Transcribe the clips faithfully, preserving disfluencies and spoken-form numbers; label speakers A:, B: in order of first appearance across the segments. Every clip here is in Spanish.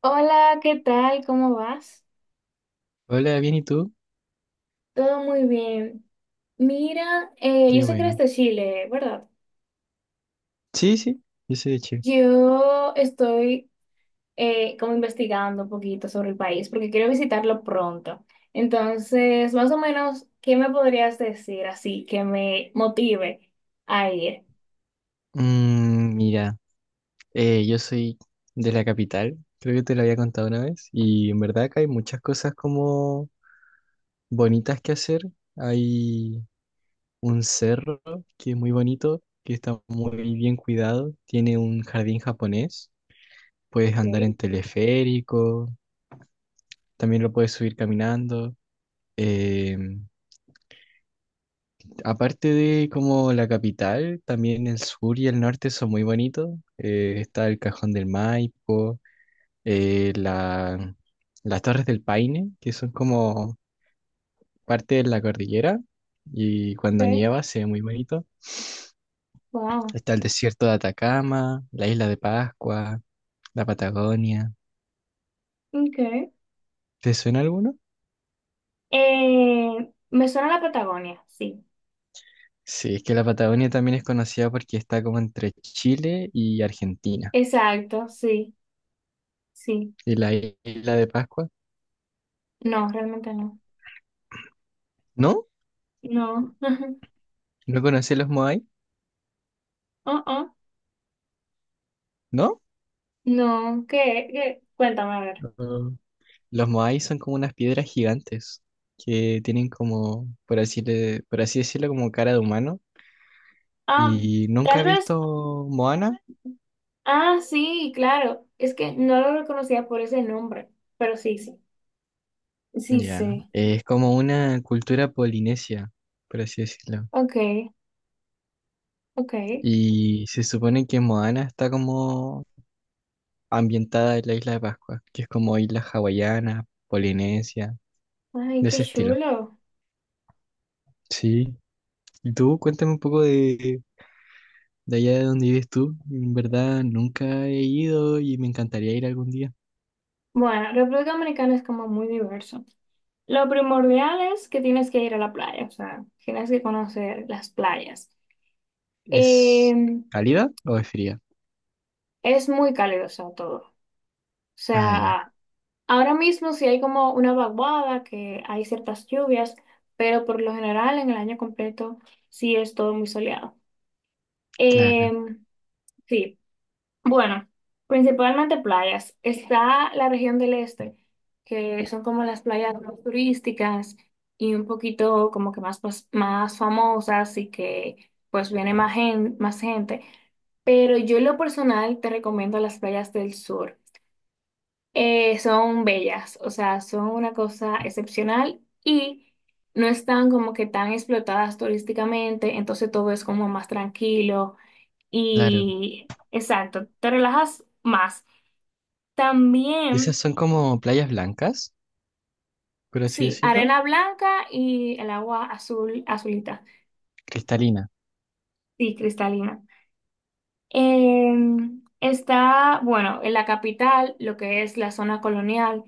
A: Hola, ¿qué tal? ¿Cómo vas?
B: Hola, bien, ¿y tú?
A: Todo muy bien. Mira, eh, yo
B: Qué
A: sé que
B: bueno.
A: eres de Chile, ¿verdad?
B: Sí, sí, yo soy de Chile.
A: Yo estoy eh, como investigando un poquito sobre el país porque quiero visitarlo pronto. Entonces, más o menos, ¿qué me podrías decir así que me motive a ir?
B: Mm, mira, eh, yo soy de la capital, creo que te lo había contado una vez, y en verdad que hay muchas cosas como bonitas que hacer. Hay un cerro que es muy bonito, que está muy bien cuidado, tiene un jardín japonés, puedes andar
A: Ok.
B: en teleférico, también lo puedes subir caminando. em, Aparte de como la capital, también el sur y el norte son muy bonitos. Eh, está el Cajón del Maipo, eh, la- las Torres del Paine, que son como parte de la cordillera, y cuando
A: Sí,
B: nieva se ve muy bonito.
A: wow.
B: Está el desierto de Atacama, la isla de Pascua, la Patagonia.
A: Okay.
B: ¿Te suena alguno?
A: Eh, me suena la Patagonia, sí.
B: Sí, es que la Patagonia también es conocida porque está como entre Chile y Argentina.
A: Exacto, sí, sí.
B: Y la isla de Pascua,
A: No, realmente no.
B: ¿no?
A: No.
B: ¿No conocí los Moai?
A: Uh-uh.
B: ¿No?
A: No, ¿qué? ¿Qué? Cuéntame, a ver.
B: Los Moai son como unas piedras gigantes que tienen como, por así, le- por así decirlo, como cara de humano.
A: Ah,
B: ¿Y nunca he
A: tal vez.
B: visto Moana?
A: Ah, sí, claro. Es que no lo reconocía por ese nombre, pero sí, sí. Sí,
B: Ya,
A: sí.
B: es como una cultura polinesia, por así decirlo.
A: Ok, ok.
B: Y se supone que Moana está como ambientada en la isla de Pascua, que es como isla hawaiana, polinesia,
A: Ay,
B: de
A: qué
B: ese estilo.
A: chulo.
B: Sí. ¿Y tú? Cuéntame un poco de, de allá de donde vives tú. En verdad, nunca he ido y me encantaría ir algún día.
A: Bueno, República Dominicana es como muy diverso. Lo primordial es que tienes que ir a la playa, o sea, tienes que conocer las playas. Eh,
B: ¿Es cálida o es fría?
A: es muy cálido, o sea, todo. O
B: Ah, ya,
A: sea, ahora mismo sí hay como una vaguada, que hay ciertas lluvias, pero por lo general en el año completo sí es todo muy soleado.
B: claro,
A: Em, sí, bueno, principalmente playas. Está la región del este, que son como las playas más turísticas y un poquito como que más, pues, más famosas y que pues viene más, gen- más gente. Pero yo en lo personal te recomiendo las playas del sur, eh, son bellas, o sea, son una cosa excepcional y no están como que tan explotadas turísticamente, entonces todo es como más tranquilo
B: claro.
A: y exacto, te relajas más.
B: Esas
A: También,
B: son como playas blancas, por así
A: sí,
B: decirlo.
A: arena blanca y el agua azul, azulita,
B: Cristalina.
A: sí, cristalina. Em, está, bueno, en la capital, lo que es la zona colonial,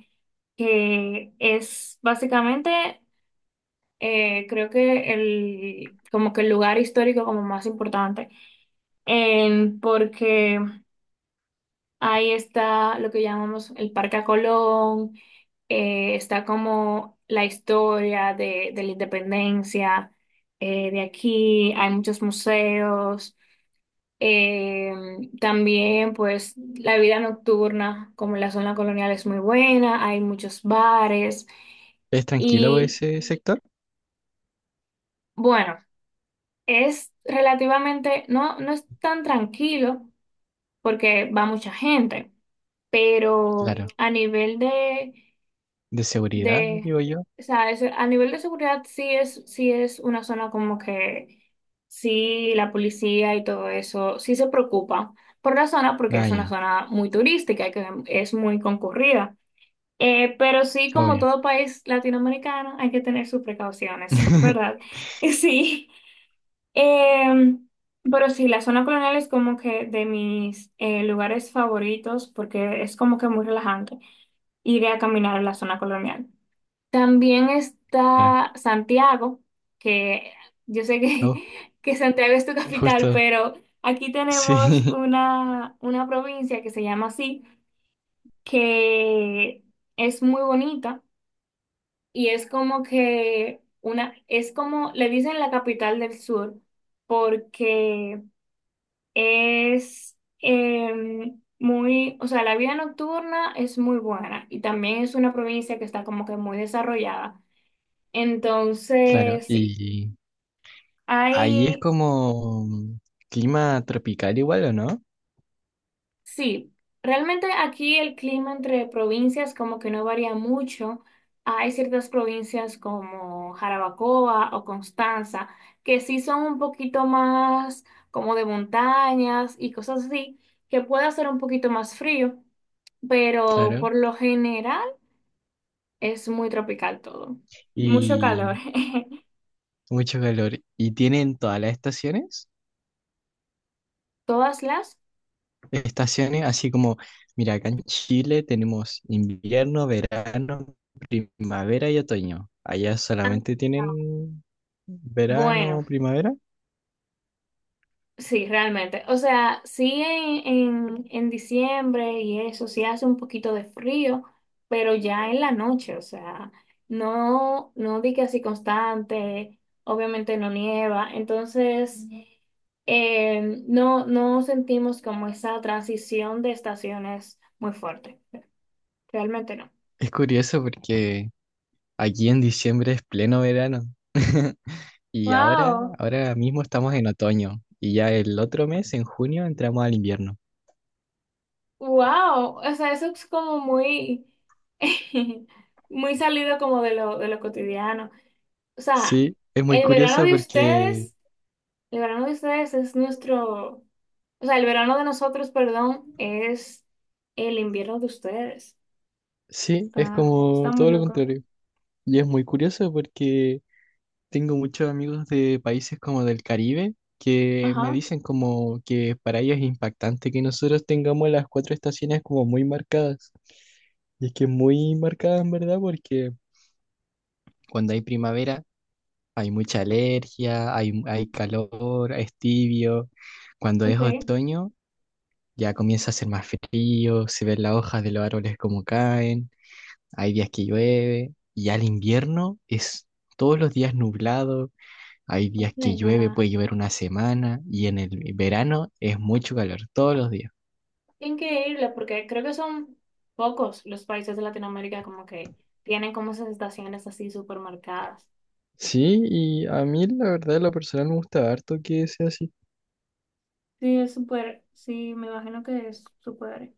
A: que es básicamente, eh, creo que el, como que el lugar histórico como más importante, en- porque ahí está lo que llamamos el Parque a Colón, eh, está como la historia de, de la independencia, eh, de aquí, hay muchos museos, eh, también pues la vida nocturna, como la zona colonial es muy buena, hay muchos bares
B: ¿Es tranquilo
A: y...
B: ese sector?
A: Bueno, es relativamente, no, no es tan tranquilo porque va mucha gente, pero
B: Claro.
A: a nivel de,
B: De seguridad,
A: de,
B: digo yo.
A: o sea, es- a nivel de seguridad sí es, sí es una zona como que sí la policía y todo eso sí se preocupa por la zona porque
B: Ah,
A: es una
B: ya,
A: zona muy turística y que es muy concurrida. Eh, pero sí, como
B: obvio.
A: todo país latinoamericano, hay que tener sus precauciones, ¿verdad? Sí. Em, pero sí, la zona colonial es como que de mis eh, lugares favoritos porque es como que muy relajante ir a caminar en la zona colonial. También
B: Claro.
A: está Santiago, que yo sé que,
B: Oh,
A: que Santiago es tu capital,
B: justo.
A: pero aquí
B: Sí,
A: tenemos una, una provincia que se llama así, que es muy bonita y es como que una, es como, le dicen la capital del sur porque es em, muy, o sea, la vida nocturna es muy buena y también es una provincia que está como que muy desarrollada.
B: claro.
A: Entonces, sí,
B: Y ahí es
A: hay...
B: como clima tropical igual, ¿o no?
A: Sí, realmente aquí el clima entre provincias como que no varía mucho. Hay ciertas provincias como Jarabacoa o Constanza que sí son un poquito más como de montañas y cosas así, que puede hacer un poquito más frío, pero
B: Claro.
A: por lo general es muy tropical todo. Mucho calor.
B: Y mucho calor. ¿Y tienen todas las estaciones?
A: Todas las...
B: Estaciones, así como, mira, acá en Chile tenemos invierno, verano, primavera y otoño. Allá
A: Ah,
B: solamente tienen
A: bueno.
B: verano, primavera.
A: Sí, realmente. O sea, sí en, en, en diciembre y eso, sí hace un poquito de frío, pero ya en la noche, o sea, no, no di que así constante, obviamente no nieva, entonces ujú. eh, no, no sentimos como esa transición de estaciones muy fuerte, realmente no.
B: Es curioso porque aquí en diciembre es pleno verano. Y ahora,
A: Wow,
B: ahora mismo estamos en otoño y ya el otro mes, en junio, entramos al invierno.
A: wow, o sea, eso es como muy, muy salido como de lo, de lo cotidiano. O sea,
B: Sí, es muy
A: el verano
B: curioso
A: de
B: porque,
A: ustedes, el verano de ustedes es nuestro, o sea, el verano de nosotros, perdón, es el invierno de ustedes.
B: sí, es
A: Está, está
B: como
A: muy
B: todo lo
A: loco.
B: contrario. Y es muy curioso porque tengo muchos amigos de países como del Caribe que me
A: Ajá,
B: dicen como que para ellos es impactante que nosotros tengamos las cuatro estaciones como muy marcadas. Y es que es muy marcada en verdad porque cuando hay primavera hay mucha alergia, hay, mu- hay calor, es tibio. Cuando es
A: ok.
B: otoño ya comienza a ser más frío, se ven las hojas de los árboles como caen, hay días que llueve y al invierno es todos los días nublado. Hay días que llueve,
A: Venga.
B: puede llover una semana y en el verano es mucho calor todos los días.
A: Increíble, porque creo que son pocos los países de Latinoamérica como que tienen como esas estaciones así súper marcadas.
B: Sí, y a mí la verdad, en lo personal me gusta harto que sea así.
A: Sí, es súper, sí, me imagino que es súper,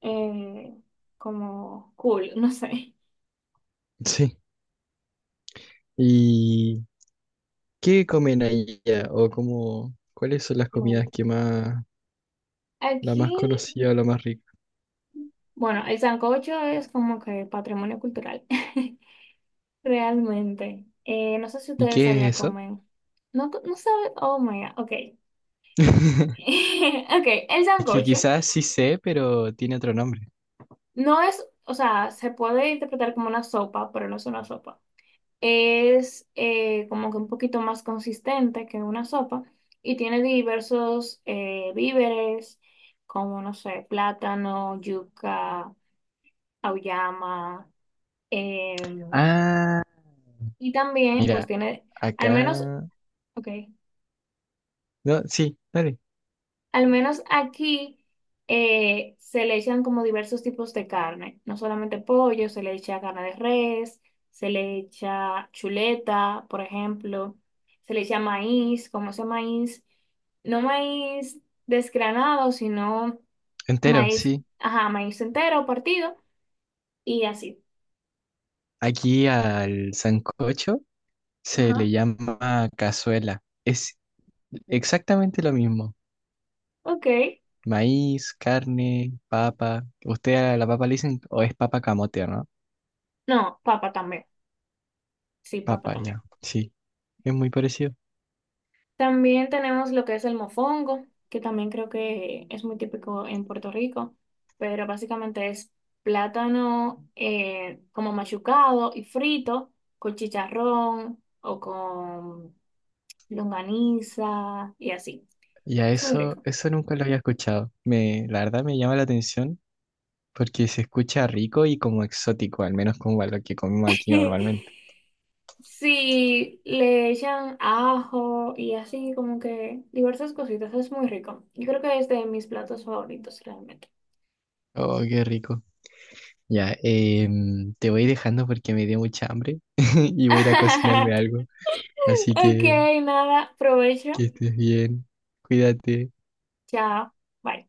A: eh, como cool, no sé.
B: Sí. ¿Y qué comen allá? ¿O cómo, cuáles son las comidas
A: Bueno,
B: que más, la
A: aquí...
B: más conocida o la más rica?
A: Bueno, el sancocho es como que patrimonio cultural, realmente. Eh, no sé si
B: ¿Y
A: ustedes
B: qué
A: allá
B: es eso?
A: comen. No, co- no sabe. Oh my God, ok. Ok, el
B: Es que
A: sancocho
B: quizás sí sé, pero tiene otro nombre.
A: no es, o sea, se puede interpretar como una sopa, pero no es una sopa. Es eh, como que un poquito más consistente que una sopa y tiene diversos eh, víveres, como, no sé, plátano, yuca, auyama. em,
B: Ah,
A: Y también, pues
B: mira,
A: tiene, al menos,
B: acá...
A: ok,
B: No, sí, dale.
A: al menos aquí, eh, se le echan como diversos tipos de carne, no solamente pollo, se le echa carne de res, se le echa chuleta, por ejemplo, se le echa maíz, como ese maíz, no maíz desgranado, sino
B: Entero,
A: maíz,
B: sí.
A: ajá, maíz entero, partido, y así.
B: Aquí al sancocho se le
A: Ajá,
B: llama cazuela. Es exactamente lo mismo.
A: ok.
B: Maíz, carne, papa. Usted a la papa le dicen, o es papa camote, ¿no?
A: No, papa también, sí, papa
B: Papa,
A: también.
B: ya. Sí, es muy parecido.
A: También tenemos lo que es el mofongo, que también creo que es muy típico en Puerto Rico, pero básicamente es plátano, eh, como machucado y frito con chicharrón o con longaniza y así.
B: Y a
A: Es muy
B: eso,
A: rico.
B: eso nunca lo había escuchado. Me, la verdad me llama la atención porque se escucha rico y como exótico, al menos como a lo que comemos aquí normalmente.
A: Sí, le echan ajo y así como que diversas cositas, es muy rico. Yo creo que es de mis platos favoritos realmente.
B: Oh, qué rico. Ya, em, te voy dejando porque me dio mucha hambre y voy a ir a cocinarme algo. Así
A: Ok,
B: que
A: nada, provecho.
B: que estés bien. Cuídate.
A: Chao. Bye.